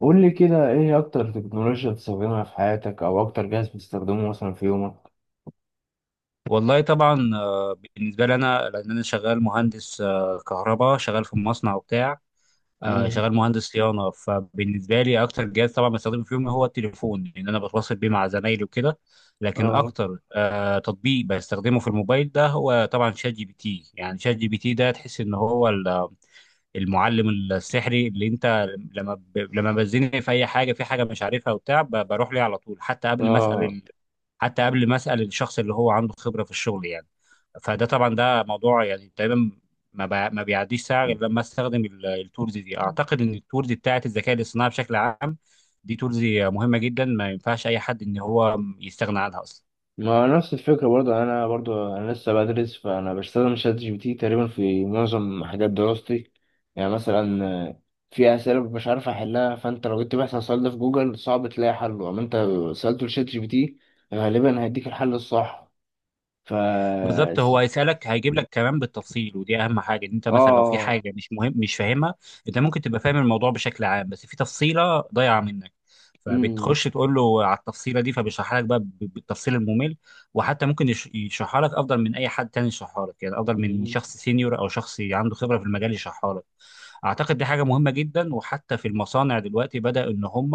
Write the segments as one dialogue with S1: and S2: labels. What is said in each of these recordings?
S1: قول لي كده، ايه اكتر تكنولوجيا بتستخدمها في حياتك او اكتر جهاز بتستخدمه مثلا في يومك؟
S2: والله طبعا بالنسبه لي انا، لان انا شغال مهندس كهرباء، شغال في مصنع وبتاع
S1: مم.
S2: شغال مهندس صيانه. فبالنسبه لي اكتر جهاز طبعا بستخدمه فيهم هو التليفون، لان انا بتواصل بيه مع زمايلي وكده. لكن
S1: اه.
S2: اكتر تطبيق بستخدمه في الموبايل ده هو طبعا شات جي بي تي. يعني شات جي بي تي ده تحس ان هو المعلم السحري. اللي انت لما بزني في اي حاجه، في حاجه مش عارفها وبتاع، بروح ليه على طول، حتى قبل ما
S1: اه.
S2: اسال، حتى قبل ما اسال الشخص اللي هو عنده خبره في الشغل يعني. فده طبعا، ده موضوع يعني تقريبا ما بيعديش ساعه غير لما استخدم التولز دي. اعتقد ان التولز بتاعت الذكاء الاصطناعي بشكل عام، دي تولز مهمه جدا، ما ينفعش اي حد ان هو يستغنى عنها اصلا.
S1: ما نفس الفكرة، برضو انا لسه بدرس، فانا بستخدم شات جي بي تي تقريبا في معظم حاجات دراستي. يعني مثلا في اسئلة مش عارف احلها، فانت لو جيت بحث عن السؤال ده في جوجل صعب تلاقي حله، اما انت سألته لشات جي بي تي غالبا هيديك الحل الصح. ف
S2: بالظبط، هو هيسألك، هيجيب لك كمان بالتفصيل، ودي أهم حاجة. إن أنت مثلا لو في
S1: اه.
S2: حاجة مش مهم، مش فاهمها، أنت ممكن تبقى فاهم الموضوع بشكل عام، بس في تفصيلة ضايعة منك،
S1: امم.
S2: فبتخش تقول له على التفصيلة دي، فبيشرحها لك بقى بالتفصيل الممل. وحتى ممكن يشرحها لك أفضل من أي حد تاني يشرحها لك، يعني أفضل من
S1: أمم.
S2: شخص سينيور أو شخص عنده خبرة في المجال يشرحها لك. اعتقد دي حاجه مهمه جدا. وحتى في المصانع دلوقتي بدا ان هم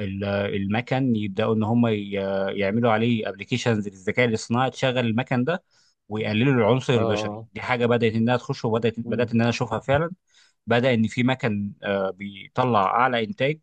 S2: المكن يبداوا ان هم يعملوا عليه ابلكيشنز للذكاء الاصطناعي تشغل المكن ده، ويقللوا العنصر البشري.
S1: اه.
S2: دي حاجه بدات انها تخش، وبدات
S1: أمم.
S2: بدات ان انا اشوفها فعلا. بدأ إن في مكن بيطلع أعلى إنتاج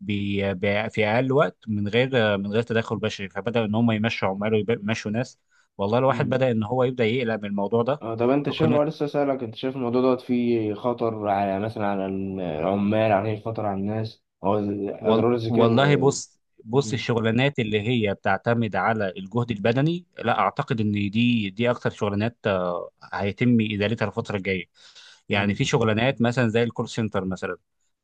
S2: في أقل وقت، من غير من غير تدخل بشري. فبدأ إن هم يمشوا عمال ويمشوا ناس. والله الواحد
S1: أمم.
S2: بدأ إن هو يبدأ يقلق من الموضوع ده.
S1: اه، طب انت شايف،
S2: فكنا
S1: اه لسه سألك، انت شايف الموضوع دوت فيه خطر على، مثلا على العمال، عليه خطر على الناس، هو
S2: وال-
S1: اضرار الذكاء؟
S2: والله بص. بص،
S1: مم.
S2: الشغلانات اللي هي بتعتمد على الجهد البدني، لا اعتقد ان دي اكتر شغلانات هيتم ادارتها الفتره الجايه. يعني
S1: مم.
S2: في شغلانات مثلا زي الكول سنتر مثلا.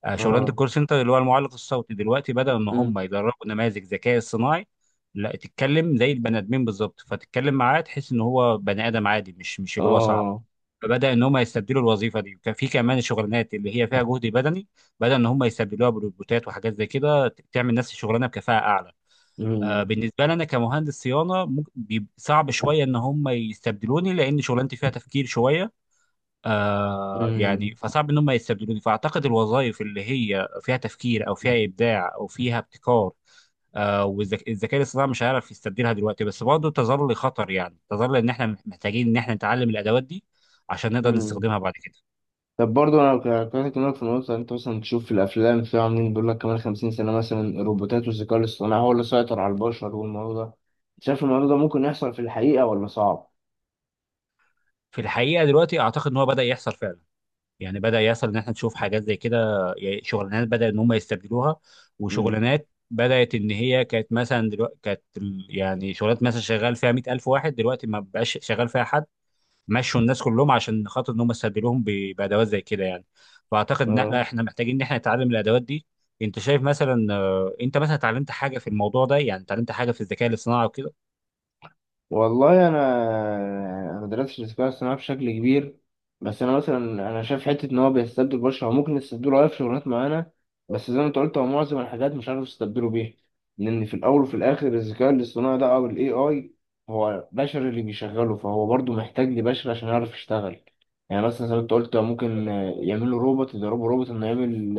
S2: شغلانه
S1: اه.
S2: الكول سنتر اللي هو المعلق الصوتي، دلوقتي بدل ان
S1: مم.
S2: هم يدربوا نماذج ذكاء اصطناعي لا تتكلم زي البني ادمين بالظبط، فتتكلم معاه تحس ان هو بني ادم عادي مش اللي هو صعب.
S1: اه.
S2: فبدا ان هم يستبدلوا الوظيفه دي. وكان في كمان الشغلانات اللي هي فيها جهد بدني، بدا ان هم يستبدلوها بروبوتات وحاجات زي كده تعمل نفس الشغلانه بكفاءه اعلى. آه،
S1: مم.
S2: بالنسبه لنا كمهندس صيانه، ممكن صعب شويه ان هم يستبدلوني، لان شغلانتي فيها تفكير شويه. آه
S1: مم.
S2: يعني فصعب ان هم يستبدلوني. فاعتقد الوظائف اللي هي فيها تفكير او فيها ابداع او فيها ابتكار، آه، والذكاء الاصطناعي مش هيعرف يستبدلها دلوقتي. بس برضه تظل خطر، يعني تظل ان احنا محتاجين ان احنا نتعلم الادوات دي عشان نقدر
S1: مم.
S2: نستخدمها بعد كده.
S1: طب برضه انا كنت اكلمك في النقطة، انت مثلا تشوف في الافلام في عاملين بيقول لك كمان 50 سنة مثلا الروبوتات والذكاء الاصطناعي هو اللي سيطر على البشر والموضوع ده، شايف الموضوع ده ممكن يحصل في الحقيقة ولا صعب؟
S2: في الحقيقه دلوقتي اعتقد ان هو بدا يحصل فعلا. يعني بدا يحصل ان احنا نشوف حاجات زي كده. يعني شغلانات بدا ان هم يستبدلوها،
S1: مم.
S2: وشغلانات بدات ان هي كانت، مثلا دلوقتي كانت يعني شغلانات مثلا شغال فيها 100,000 واحد، دلوقتي ما بقاش شغال فيها حد. مشوا الناس كلهم عشان خاطر ان هم يستبدلوهم بادوات زي كده يعني. فاعتقد ان
S1: اه.
S2: لا، احنا محتاجين ان احنا نتعلم الادوات دي. انت شايف مثلا، انت مثلا اتعلمت حاجه في الموضوع ده؟ يعني اتعلمت حاجه في الذكاء الاصطناعي وكده؟
S1: والله انا ما درستش الذكاء الاصطناعي بشكل كبير. بس انا مثلا انا شايف حته ان هو بيستبدل البشر، هو ممكن يستبدله اه في شغلانات معينه، بس زي ما انت قلت هو معظم الحاجات مش عارف يستبدله بيها، لان في الاول وفي الاخر الذكاء الاصطناعي ده او الاي اي هو بشر اللي بيشغله، فهو برضه محتاج لبشر عشان يعرف يشتغل. يعني مثلا زي ما انت قلت هو ممكن يعملوا روبوت، يدربوا روبوت انه يعمل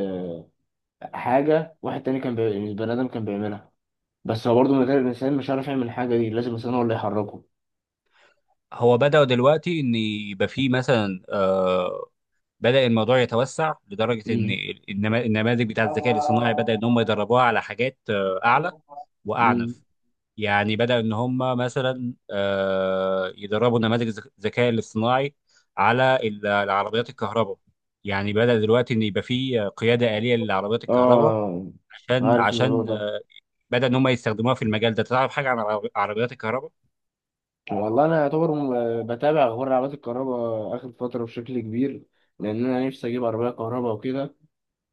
S1: حاجه واحد تاني كان بني ادم كان بيعملها، بس هو برضه من غير الانسان مش عارف يعمل الحاجه دي، لازم الانسان هو اللي يحركه.
S2: هو بدأوا دلوقتي ان يبقى في مثلا بدأ الموضوع يتوسع لدرجة إن
S1: مم.
S2: النماذج بتاعة الذكاء الاصطناعي بدأ إن هم يدربوها على حاجات أعلى
S1: مم.
S2: وأعنف. يعني بدأ إن هم مثلا يدربوا نماذج الذكاء الاصطناعي على العربيات الكهرباء. يعني بدأ دلوقتي إن يبقى في قيادة آلية للعربيات الكهرباء.
S1: اه.
S2: عشان
S1: عارف الموضوع
S2: عشان
S1: ده.
S2: بدأ إن هم يستخدموها في المجال ده. تعرف حاجة عن عربيات الكهرباء؟
S1: والله انا يعتبر بتابع اخبار عربيات الكهرباء اخر فتره بشكل كبير، لان انا نفسي اجيب عربيه كهرباء وكده.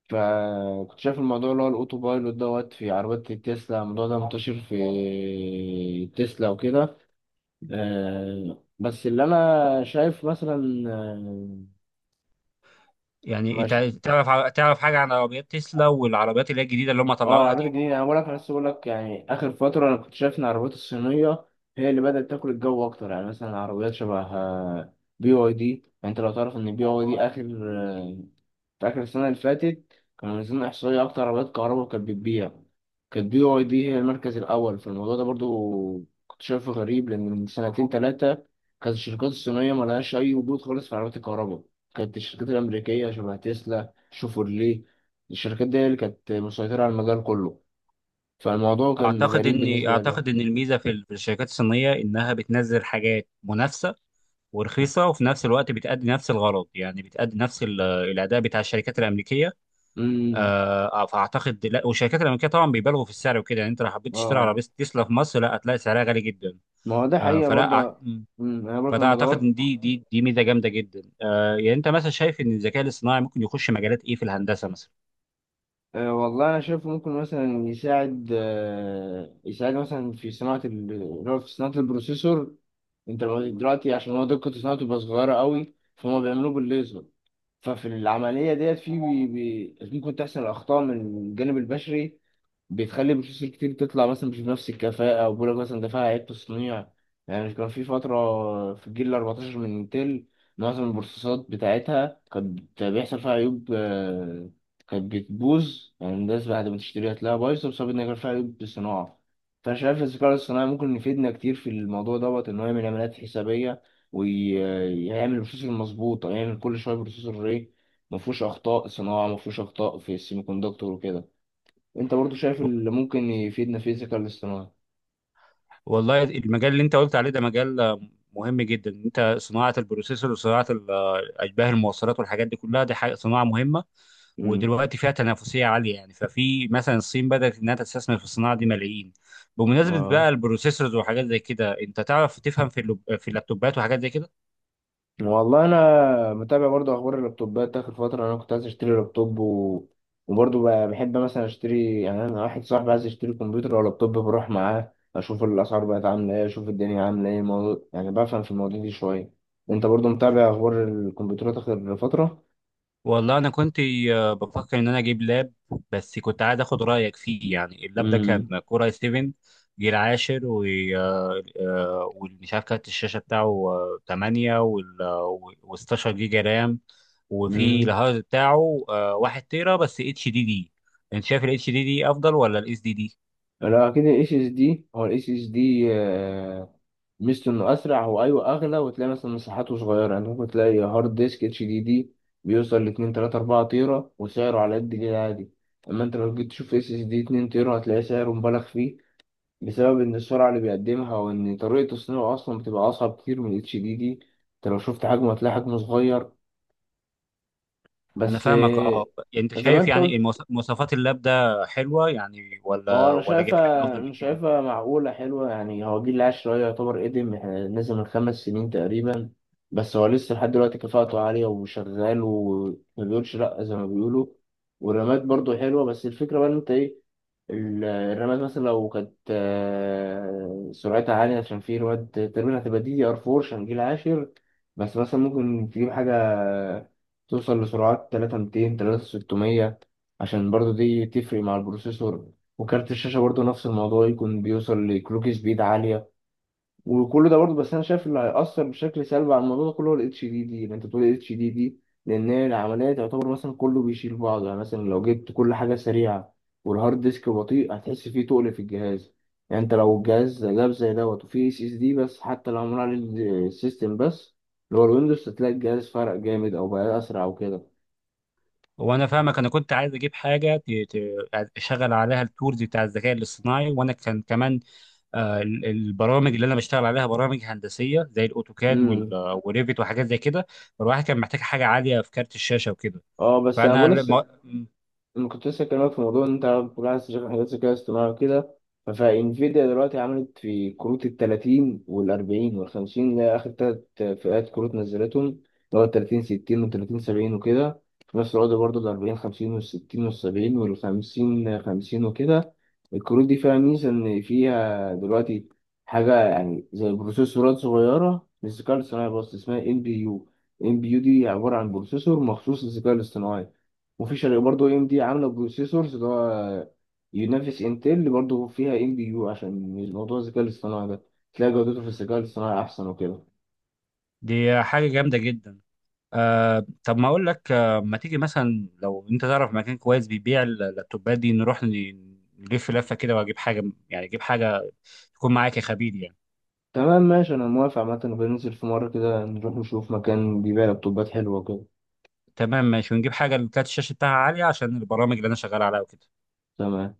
S1: فكنت شايف الموضوع اللي هو الاوتو بايلوت دوت في عربيات التسلا، الموضوع ده منتشر في تسلا وكده. بس اللي انا شايف مثلا
S2: يعني أنت
S1: مش.
S2: تعرف حاجة عن عربيات تسلا والعربيات اللي هي الجديدة اللي هم
S1: اه،
S2: طلعوها
S1: العربيات
S2: دي؟
S1: الجديدة انا بقولك، انا لسه بقولك، يعني اخر فترة انا كنت شايف ان العربيات الصينية هي اللي بدأت تاكل الجو اكتر. يعني مثلا عربيات شبه بي واي دي. يعني انت لو تعرف ان بي واي دي اخر، في آخر السنة اللي فاتت كانوا منزلين إحصائية أكتر عربيات كهرباء كانت بتبيع، كانت بي واي دي هي المركز الأول. فالموضوع ده برضو كنت شايفه غريب، لأن من سنتين تلاتة كانت الشركات الصينية ملهاش أي وجود خالص في عربيات الكهرباء، كانت الشركات الأمريكية شبه تسلا شوفورليه، الشركات دي هي اللي كانت مسيطرة على المجال كله. فالموضوع كان
S2: اعتقد
S1: غريب
S2: ان
S1: بالنسبة لي.
S2: اعتقد ان الميزه في في الشركات الصينيه انها بتنزل حاجات منافسه ورخيصه، وفي نفس الوقت بتأدي نفس الغرض، يعني بتأدي نفس الاداء بتاع الشركات الامريكيه.
S1: أمم.
S2: آه فاعتقد لا، والشركات الامريكيه طبعا بيبالغوا في السعر وكده. يعني انت لو حبيت تشتري
S1: آه.
S2: عربيه تسلا في مصر، لا، هتلاقي سعرها غالي جدا.
S1: ما هو ده
S2: آه
S1: حقيقة
S2: فلا أع-
S1: برضه.
S2: م.
S1: أمم، أنا برضه
S2: فده
S1: لما
S2: اعتقد ان
S1: دورت.
S2: دي ميزه جامده جدا. آه يعني انت مثلا شايف ان الذكاء الاصطناعي ممكن يخش مجالات ايه في الهندسه مثلا؟
S1: أه، والله أنا شايفه ممكن مثلا يساعد مثلا في صناعة اللي هو في صناعة البروسيسور. أنت لو دلوقتي، عشان هو دقة صناعته تبقى صغيرة قوي، فهم بيعملوه بالليزر. ففي العملية ديت في بي بي ممكن تحصل أخطاء من الجانب البشري، بتخلي بروسيسور كتير تطلع مثلا مش بنفس الكفاءة، أو بيقول لك مثلا ده فيها عيب تصنيع. يعني كان في فترة، في الجيل الأربعتاشر من انتل معظم البروسيسات بتاعتها كانت بيحصل فيها عيوب، كانت بتبوظ، يعني الناس بعد ما تشتريها تلاقيها بايظة بسبب إن كان فيها عيوب صناعة. فأنا شايف الذكاء الاصطناعي ممكن يفيدنا كتير في الموضوع دوت، إن هو يعمل عمليات حسابية، ويعمل بروسيسور مظبوط، أو يعمل كل شوية بروسيسور إيه مفهوش أخطاء صناعة، مفهوش أخطاء في السيمي كوندكتور وكده. انت برضو شايف اللي ممكن يفيدنا في الذكاء الاصطناعي؟
S2: والله المجال اللي انت قلت عليه ده مجال مهم جدا. انت صناعه البروسيسور وصناعه اشباه المواصلات والحاجات دي كلها، دي حاجه صناعه مهمه.
S1: امم.
S2: ودلوقتي فيها تنافسيه عاليه، يعني ففي مثلا الصين بدات انها تستثمر في الصناعه دي ملايين. بمناسبه بقى
S1: اه،
S2: البروسيسورز وحاجات زي كده، انت تعرف تفهم في في اللابتوبات وحاجات زي كده؟
S1: والله انا متابع برضو اخبار اللابتوبات اخر فتره. انا كنت عايز اشتري لابتوب وبرضو بحب مثلا اشتري، يعني انا واحد صاحبي عايز يشتري كمبيوتر او لابتوب بروح معاه اشوف الاسعار بقت عامله ايه، اشوف الدنيا عامله ايه، موضوع، يعني بفهم في المواضيع دي شويه. انت برضو متابع اخبار الكمبيوترات اخر فتره؟
S2: والله انا كنت بفكر ان انا اجيب لاب، بس كنت عايز اخد رايك فيه. يعني اللاب ده كان
S1: امم.
S2: كورة اي 7 جيل عاشر، و ومش عارف كارت الشاشه بتاعه 8، وال آه، و16 جيجا رام، وفي
S1: امم.
S2: الهارد بتاعه 1 تيرا بس اتش دي دي. انت شايف الاتش دي دي افضل ولا الاس دي دي؟
S1: لا، اكيد الاس اس دي، هو الاس اس دي ميزته انه اسرع، هو ايوه اغلى وتلاقي مثلا مساحاته صغيره. يعني ممكن تلاقي هارد ديسك اتش دي دي بيوصل ل 2 3 4 تيرا وسعره على قد كده عادي، اما انت لو جيت تشوف اس اس دي 2 تيرا هتلاقي سعره مبالغ فيه، بسبب ان السرعه اللي بيقدمها وان طريقه تصنيعه اصلا بتبقى اصعب كتير من الاتش دي دي. انت لو شفت حجمه هتلاقي حجمه صغير
S2: انا
S1: بس
S2: فاهمك اه. يعني انت
S1: زي ما
S2: شايف
S1: انت
S2: يعني
S1: قلت،
S2: مواصفات اللاب ده حلوه يعني؟
S1: اه
S2: ولا
S1: انا
S2: ولا جبت حاجه
S1: شايفها
S2: افضل من
S1: انا
S2: كده؟
S1: شايفها معقوله حلوه، يعني هو جيل العيال شويه يعتبر قدم، يعني نزل من 5 سنين تقريبا. بس هو لسه لحد دلوقتي كفاءته عاليه وشغال وما بيقولش لا زي ما بيقولوا. والرمات برضو حلوه، بس الفكره بقى ان انت ايه الرمات، مثلا لو كانت سرعتها عاليه، عشان في رمات تقريبا هتبقى دي دي ار 4 عشان جيل عاشر. بس مثلا ممكن تجيب حاجه توصل لسرعات 3200 3600، عشان برضو دي تفرق مع البروسيسور. وكارت الشاشة برضو نفس الموضوع، يكون بيوصل لكلوك سبيد عالية. وكل ده برضو، بس أنا شايف اللي هيأثر بشكل سلبي على الموضوع ده كله هو ال HDD، اللي أنت بتقول ال HDD، لأن هي العملية تعتبر مثلا كله بيشيل بعضه، يعني مثلا لو جبت كل حاجة سريعة والهارد ديسك بطيء هتحس فيه تقل في الجهاز. يعني أنت لو الجهاز جاب زي دوت وفيه اس اس دي، بس حتى لو معمول عليه السيستم بس، اللي هو الويندوز، هتلاقي الجهاز فرق جامد، أو بقى أسرع وكده.
S2: هو انا فاهمك. انا كنت عايز اجيب حاجه اشغل عليها التولز بتاع الذكاء الاصطناعي. وانا كان كمان البرامج اللي انا بشتغل عليها برامج هندسيه زي الاوتوكاد
S1: امم.
S2: وريفيت وحاجات زي كده. فالواحد كان محتاج حاجه عاليه في كارت الشاشه وكده.
S1: اه، بس انا
S2: فانا
S1: بقول،
S2: لما
S1: انا كنت لسه بكلمك في موضوع ان انت كلها عايز تشغل حاجات ذكاء اصطناعي وكده. فانفيديا دلوقتي عملت في كروت ال 30 وال 40 وال 50، اللي هي اخر تلات فئات كروت نزلتهم، اللي هو ال 30 60 وال 30 70 وكده. في نفس الوقت برضه ال 40 50 وال 60 وال 70 وال 50 50 وكده. الكروت دي فيها ميزه ان فيها دلوقتي حاجه يعني زي بروسيسورات صغيره للذكاء الاصطناعي، بس اسمها ام بي يو. ام بي يو دي عباره عن بروسيسور مخصوص للذكاء الاصطناعي. وفي شركة برضه ام دي عاملة بروسيسورز اللي هو ينافس انتل، اللي برضه فيها ام بي يو عشان موضوع الذكاء الاصطناعي ده، تلاقي جودته في الذكاء الاصطناعي أحسن وكده.
S2: دي حاجه جامده جدا. آه طب ما اقول لك، آه ما تيجي مثلا لو انت تعرف مكان كويس بيبيع اللابتوبات دي، نروح نلف لفه كده واجيب حاجه، يعني اجيب حاجه تكون معاك يا خبير يعني.
S1: تمام ماشي، أنا موافق عامة نبقى ننزل في مرة كده نروح نشوف مكان بيبيع لابتوبات حلوة وكده.
S2: تمام ماشي، ونجيب حاجه اللي كانت الشاشه بتاعها عاليه عشان البرامج اللي انا شغال عليها وكده.
S1: تمام.